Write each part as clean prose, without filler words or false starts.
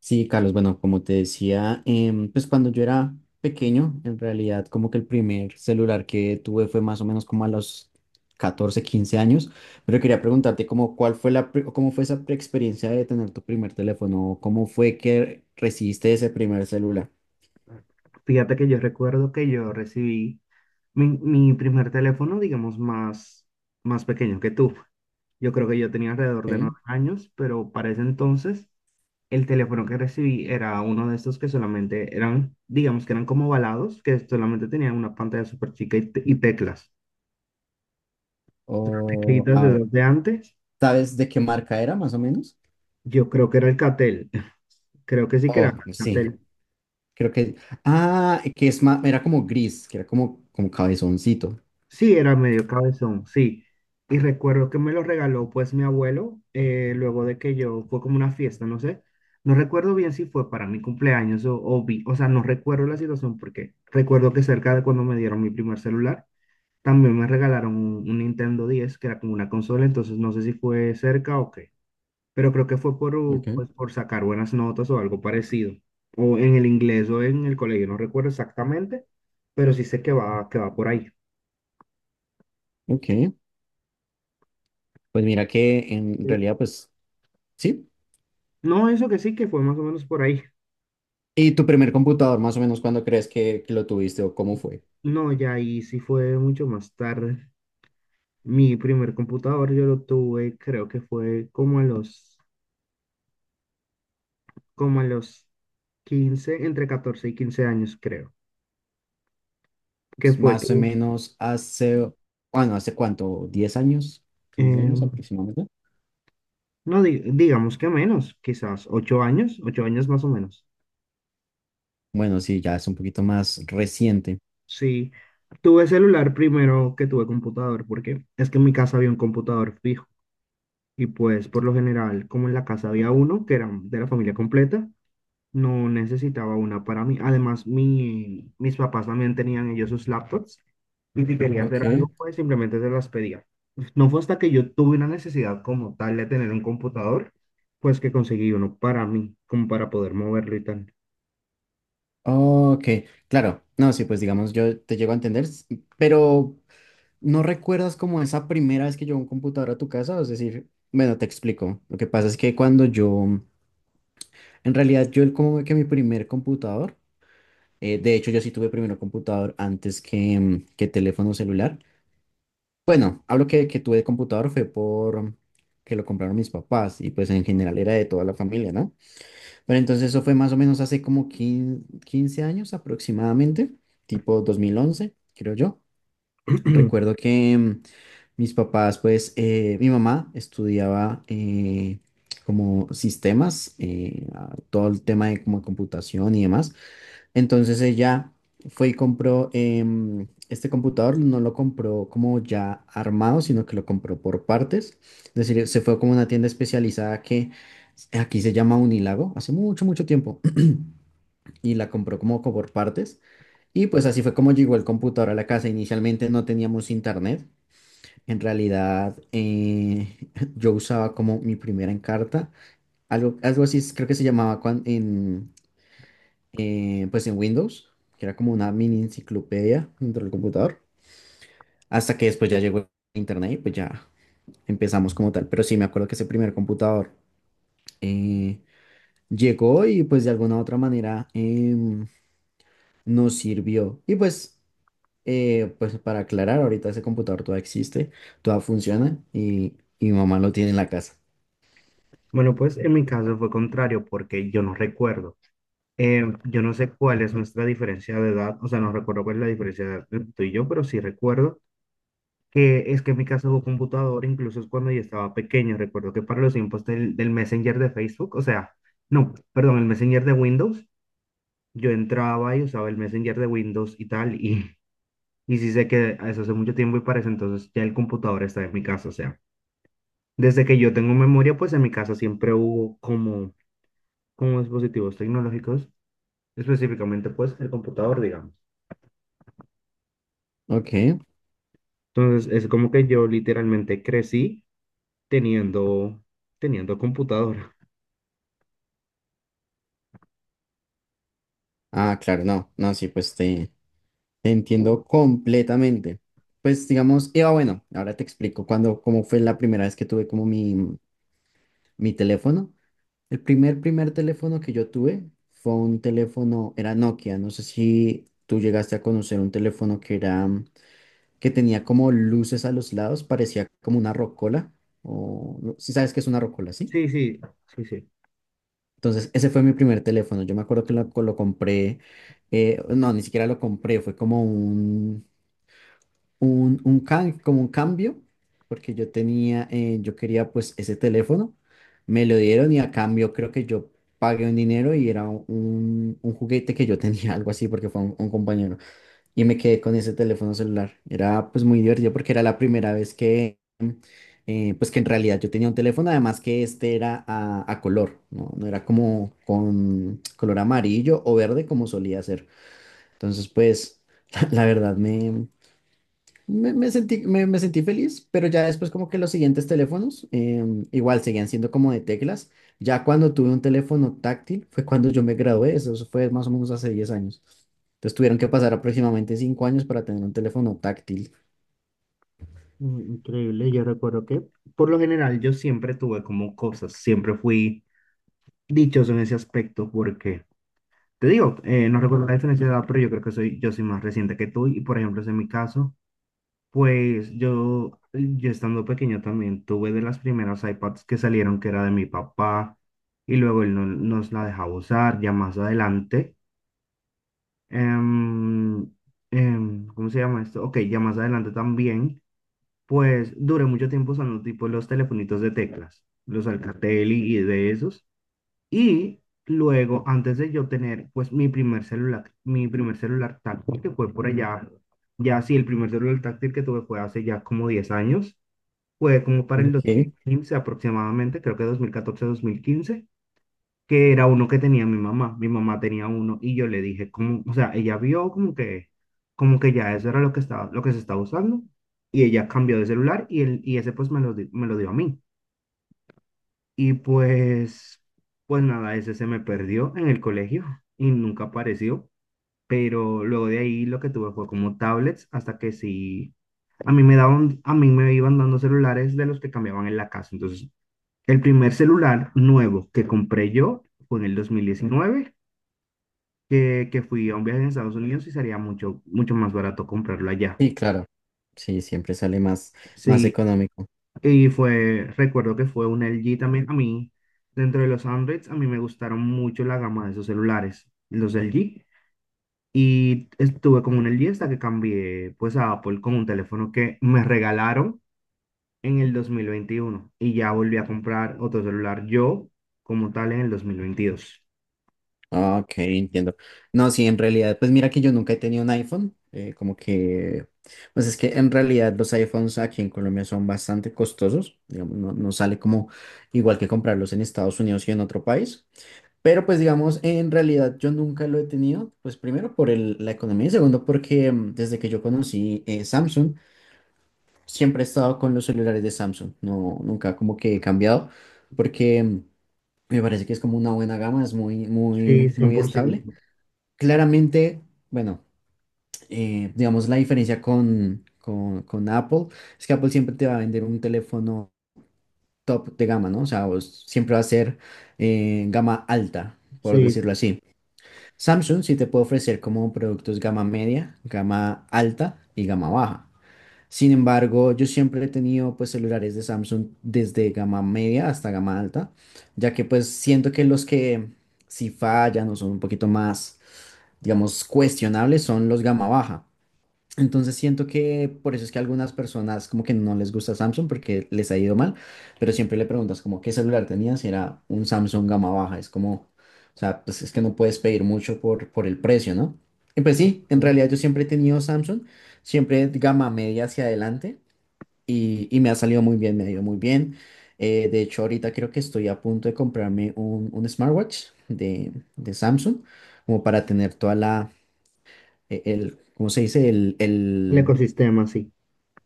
Sí, Carlos, bueno, como te decía, pues cuando yo era pequeño, en realidad como que el primer celular que tuve fue más o menos como a los 14, 15 años, pero quería preguntarte como cuál fue cómo fue experiencia de tener tu primer teléfono, cómo fue que recibiste ese primer celular, Fíjate que yo recuerdo que yo recibí mi primer teléfono, digamos, más pequeño que tú. Yo creo que yo tenía alrededor de nueve ¿ok? años, pero para ese entonces el teléfono que recibí era uno de estos que solamente eran, digamos, que eran como ovalados, que solamente tenían una pantalla súper chica y teclas. O, Teclitas de a ver, los de antes, ¿sabes de qué marca era más o menos? yo creo que era el Catel. Creo que sí que era Oh, sí, Catel. creo que, ah, que es más, era como gris, que era como cabezoncito. Sí, era medio cabezón, sí. Y recuerdo que me lo regaló pues mi abuelo, luego de que yo, fue como una fiesta, no sé. No recuerdo bien si fue para mi cumpleaños o o sea, no recuerdo la situación porque recuerdo que cerca de cuando me dieron mi primer celular, también me regalaron un Nintendo 10 que era como una consola, entonces no sé si fue cerca o qué, pero creo que fue por, Ok, pues, por sacar buenas notas o algo parecido, o en el inglés o en el colegio, no recuerdo exactamente, pero sí sé que va por ahí. ok. Pues mira que en realidad, pues sí. No, eso que sí que fue más o menos por ahí. ¿Y tu primer computador, más o menos, cuándo crees que lo tuviste o cómo fue? No, ya ahí sí fue mucho más tarde. Mi primer computador yo lo tuve, creo que fue como a los 15 entre 14 y 15 años, creo. Que Pues, fue que, más o menos hace, bueno, ¿hace cuánto? ¿10 años? ¿15 años em, aproximadamente? no, digamos que menos, quizás 8 años, 8 años más o menos. Bueno, sí, ya es un poquito más reciente. Sí, tuve celular primero que tuve computador, porque es que en mi casa había un computador fijo. Y pues por lo general, como en la casa había uno que era de la familia completa, no necesitaba una para mí. Además, mis papás también tenían ellos sus laptops y si quería Ok, hacer algo, pues simplemente se las pedía. No fue hasta que yo tuve una necesidad como tal de tener un computador, pues que conseguí uno para mí, como para poder moverlo y tal. ok, claro. No, sí, pues digamos, yo te llego a entender, pero ¿no recuerdas como esa primera vez que llegó un computador a tu casa? Es decir, bueno, te explico. Lo que pasa es que cuando yo, en realidad, como que mi primer computador. De hecho, yo sí tuve primero computador antes que teléfono celular. Bueno, hablo que tuve computador fue por que lo compraron mis papás y pues en general era de toda la familia, ¿no? Pero entonces eso fue más o menos hace como 15, 15 años aproximadamente, tipo 2011, creo yo. Recuerdo que mis papás, pues mi mamá estudiaba como sistemas, todo el tema de como computación y demás. Entonces ella fue y compró este computador, no lo compró como ya armado, sino que lo compró por partes. Es decir, se fue como a una tienda especializada que aquí se llama Unilago, hace mucho, mucho tiempo, y la compró como por partes. Y pues así fue como llegó el computador a la casa. Inicialmente no teníamos internet. En realidad, yo usaba como mi primera encarta, algo así, creo que se llamaba cuando, pues en Windows, que era como una mini enciclopedia dentro del computador, hasta que después ya llegó Internet y pues ya empezamos como tal. Pero sí, me acuerdo que ese primer computador eh, llegó y pues de alguna u otra manera nos sirvió. Y pues, pues para aclarar, ahorita ese computador todavía existe, todavía funciona y mi mamá lo tiene en la casa. Bueno, pues en mi caso fue contrario porque yo no recuerdo. Yo no sé cuál es nuestra diferencia de edad, o sea, no recuerdo cuál es la diferencia de edad entre tú y yo, pero sí recuerdo que es que en mi casa hubo computadora, incluso es cuando yo estaba pequeño. Recuerdo que para los tiempos del Messenger de Facebook, o sea, no, perdón, el Messenger de Windows, yo entraba y usaba el Messenger de Windows y tal, y, y sí sé que eso hace mucho tiempo y para ese entonces ya el computador está en mi casa, o sea, desde que yo tengo memoria, pues en mi casa siempre hubo como, como dispositivos tecnológicos, específicamente pues el computador, digamos. Ok. Entonces es como que yo literalmente crecí teniendo, teniendo computadora. Ah, claro, no, no, sí, pues te entiendo completamente. Pues digamos, Eva, bueno, ahora te explico cuando, cómo fue la primera vez que tuve como mi teléfono. El primer teléfono que yo tuve fue un teléfono, era Nokia. No sé si tú llegaste a conocer un teléfono que tenía como luces a los lados, parecía como una rocola, o si sabes que es una rocola, ¿sí? Sí, sí, sí, sí. Entonces, ese fue mi primer teléfono. Yo me acuerdo que lo compré, no, ni siquiera lo compré, fue como un can- como un cambio, porque yo quería pues ese teléfono, me lo dieron y a cambio creo que yo pagué un dinero y era un juguete que yo tenía, algo así, porque fue un compañero, y me quedé con ese teléfono celular. Era pues muy divertido porque era la primera vez que, pues que en realidad yo tenía un teléfono, además que este era a color, ¿no? No era como con color amarillo o verde como solía ser. Entonces pues, la verdad me sentí feliz, pero ya después como que los siguientes teléfonos igual seguían siendo como de teclas. Ya cuando tuve un teléfono táctil fue cuando yo me gradué, eso fue más o menos hace 10 años. Entonces tuvieron que pasar aproximadamente 5 años para tener un teléfono táctil. Mm, increíble. Yo recuerdo que por lo general yo siempre tuve como cosas, siempre fui dichoso en ese aspecto porque, te digo, no recuerdo la diferencia de edad, pero yo creo que soy, yo soy más reciente que tú y por ejemplo, en mi caso, pues yo estando pequeño también tuve de las primeras iPads que salieron que era de mi papá y luego él no, nos la dejaba usar ya más adelante. em, ¿Cómo se llama esto? Ok, ya más adelante también. Pues duré mucho tiempo usando tipo los telefonitos de teclas, los Alcatel y de esos. Y luego, antes de yo tener pues mi primer celular táctil que fue por allá, ya sí, el primer celular táctil que tuve fue hace ya como 10 años, fue como para el dos Ok. mil quince aproximadamente, creo que 2014, 2015 que era uno que tenía mi mamá. Mi mamá tenía uno y yo le dije, como, o sea, ella vio como que ya eso era lo que estaba, lo que se estaba usando y ella cambió de celular y, ese pues me lo, me lo dio a mí. Y pues, pues nada, ese se me perdió en el colegio y nunca apareció. Pero luego de ahí lo que tuve fue como tablets hasta que sí, a mí me daban, a mí me iban dando celulares de los que cambiaban en la casa. Entonces, el primer celular nuevo que compré yo fue en el 2019 que fui a un viaje en Estados Unidos y sería mucho, mucho más barato comprarlo allá. Sí, claro. Sí, siempre sale más Sí, económico. y fue, recuerdo que fue un LG también. A mí, dentro de los Androids, a mí me gustaron mucho la gama de esos celulares, los LG. Y estuve con un LG hasta que cambié pues a Apple con un teléfono que me regalaron en el 2021 y ya volví a comprar otro celular yo como tal en el 2022. Ah, ok, entiendo. No, sí, en realidad, pues mira que yo nunca he tenido un iPhone, como que, pues es que en realidad los iPhones aquí en Colombia son bastante costosos, digamos, no, no sale como igual que comprarlos en Estados Unidos y en otro país, pero pues digamos, en realidad yo nunca lo he tenido, pues primero por la economía y segundo porque desde que yo conocí Samsung, siempre he estado con los celulares de Samsung, no, nunca como que he cambiado, porque me parece que es como una buena gama, es muy, Sí, muy, muy estable. 100%. Claramente, bueno, digamos la diferencia con Apple es que Apple siempre te va a vender un teléfono top de gama, ¿no? O sea, vos siempre va a ser gama alta, por Sí, decirlo así. Samsung sí te puede ofrecer como productos gama media, gama alta y gama baja. Sin embargo, yo siempre he tenido pues celulares de Samsung desde gama media hasta gama alta, ya que pues siento que los que si fallan o son un poquito más, digamos, cuestionables son los gama baja. Entonces siento que por eso es que a algunas personas como que no les gusta Samsung porque les ha ido mal, pero siempre le preguntas como qué celular tenías y era un Samsung gama baja, es como, o sea, pues es que no puedes pedir mucho por el precio, ¿no? Y pues sí, sí, en claro. realidad yo siempre he tenido Samsung, siempre gama media hacia adelante y me ha salido muy bien, me ha ido muy bien. De hecho, ahorita creo que estoy a punto de comprarme un smartwatch de Samsung como para tener toda el, ¿cómo se dice? El, El el ecosistema, sí.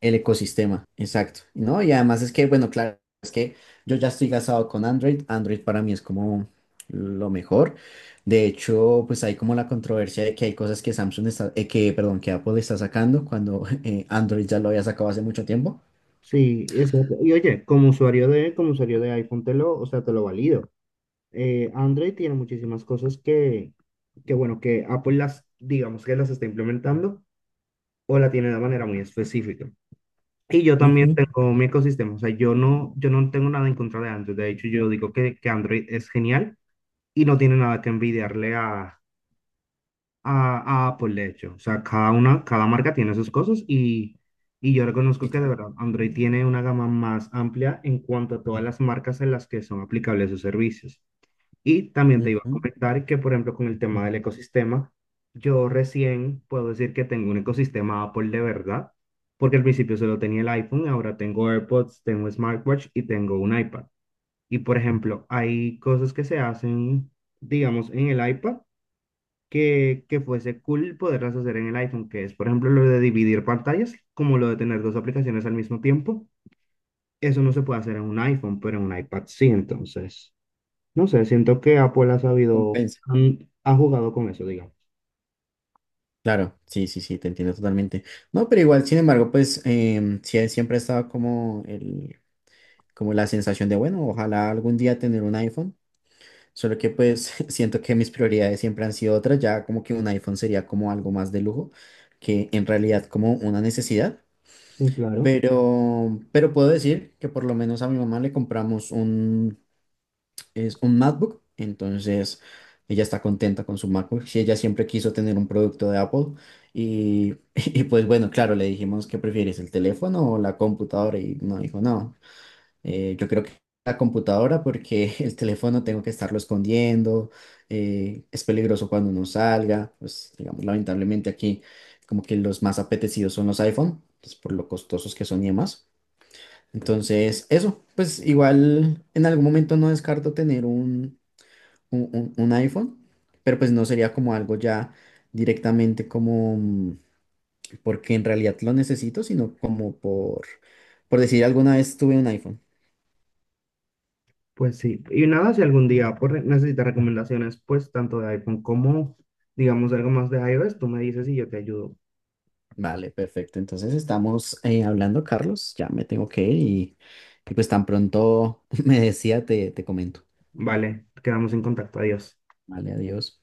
el ecosistema, exacto, ¿no? Y además es que, bueno, claro, es que yo ya estoy casado con Android, Android para mí es como lo mejor. De hecho, pues hay como la controversia de que hay cosas que Samsung está, que, perdón, que Apple está sacando cuando Android ya lo había sacado hace mucho tiempo. Sí, exacto. Y oye, como usuario de iPhone te lo, o sea, te lo valido. Android tiene muchísimas cosas que bueno, que Apple las, digamos que las está implementando o la tiene de manera muy específica. Y yo también Ujú, tengo mi ecosistema, o sea, yo no tengo nada en contra de Android. De hecho, yo digo que Android es genial y no tiene nada que envidiarle a Apple, de hecho. O sea, cada una, cada marca tiene sus cosas y yo reconozco sí, que de claro. verdad Android tiene una gama más amplia en cuanto a todas las marcas en las que son aplicables sus servicios. Y también te iba a Ujú, comentar que, por ejemplo, con el tema del ecosistema, yo recién puedo decir que tengo un ecosistema Apple de verdad, porque al principio solo tenía el iPhone, ahora tengo AirPods, tengo smartwatch y tengo un iPad. Y, por ejemplo, hay cosas que se hacen digamos, en el iPad que fuese cool poderlas hacer en el iPhone, que es, por ejemplo, lo de dividir pantallas, como lo de tener dos aplicaciones al mismo tiempo. Eso no se puede hacer en un iPhone, pero en un iPad sí, entonces. No sé, siento que Apple ha sabido, compensa. mm, ha jugado con eso, digamos. Claro, sí, sí, sí, te entiendo totalmente. No, pero igual, sin embargo, pues sí, siempre ha estado como la sensación de, bueno, ojalá algún día tener un iPhone. Solo que pues siento que mis prioridades siempre han sido otras, ya como que un iPhone sería como algo más de lujo que en realidad como una necesidad, Sí, claro. pero puedo decir que por lo menos a mi mamá le compramos es un MacBook, entonces ella está contenta con su MacBook, si ella siempre quiso tener un producto de Apple y, y pues bueno, claro, le dijimos que prefieres el teléfono o la computadora y no dijo no. Yo creo que la computadora porque el teléfono tengo que estarlo escondiendo, es peligroso cuando uno salga, pues digamos lamentablemente aquí como que los más apetecidos son los iPhone, pues, por lo costosos que son y demás. Entonces, eso, pues igual en algún momento no descarto tener un iPhone, pero pues no sería como algo ya directamente como porque en realidad lo necesito, sino como por decir alguna vez tuve un iPhone. Pues sí. Y nada, si algún día Apple necesita recomendaciones, pues tanto de iPhone como, digamos, algo más de iOS, tú me dices y yo te ayudo. Vale, perfecto. Entonces estamos hablando, Carlos. Ya me tengo que ir y pues tan pronto me decía, te comento. Vale, quedamos en contacto. Adiós. Vale, adiós.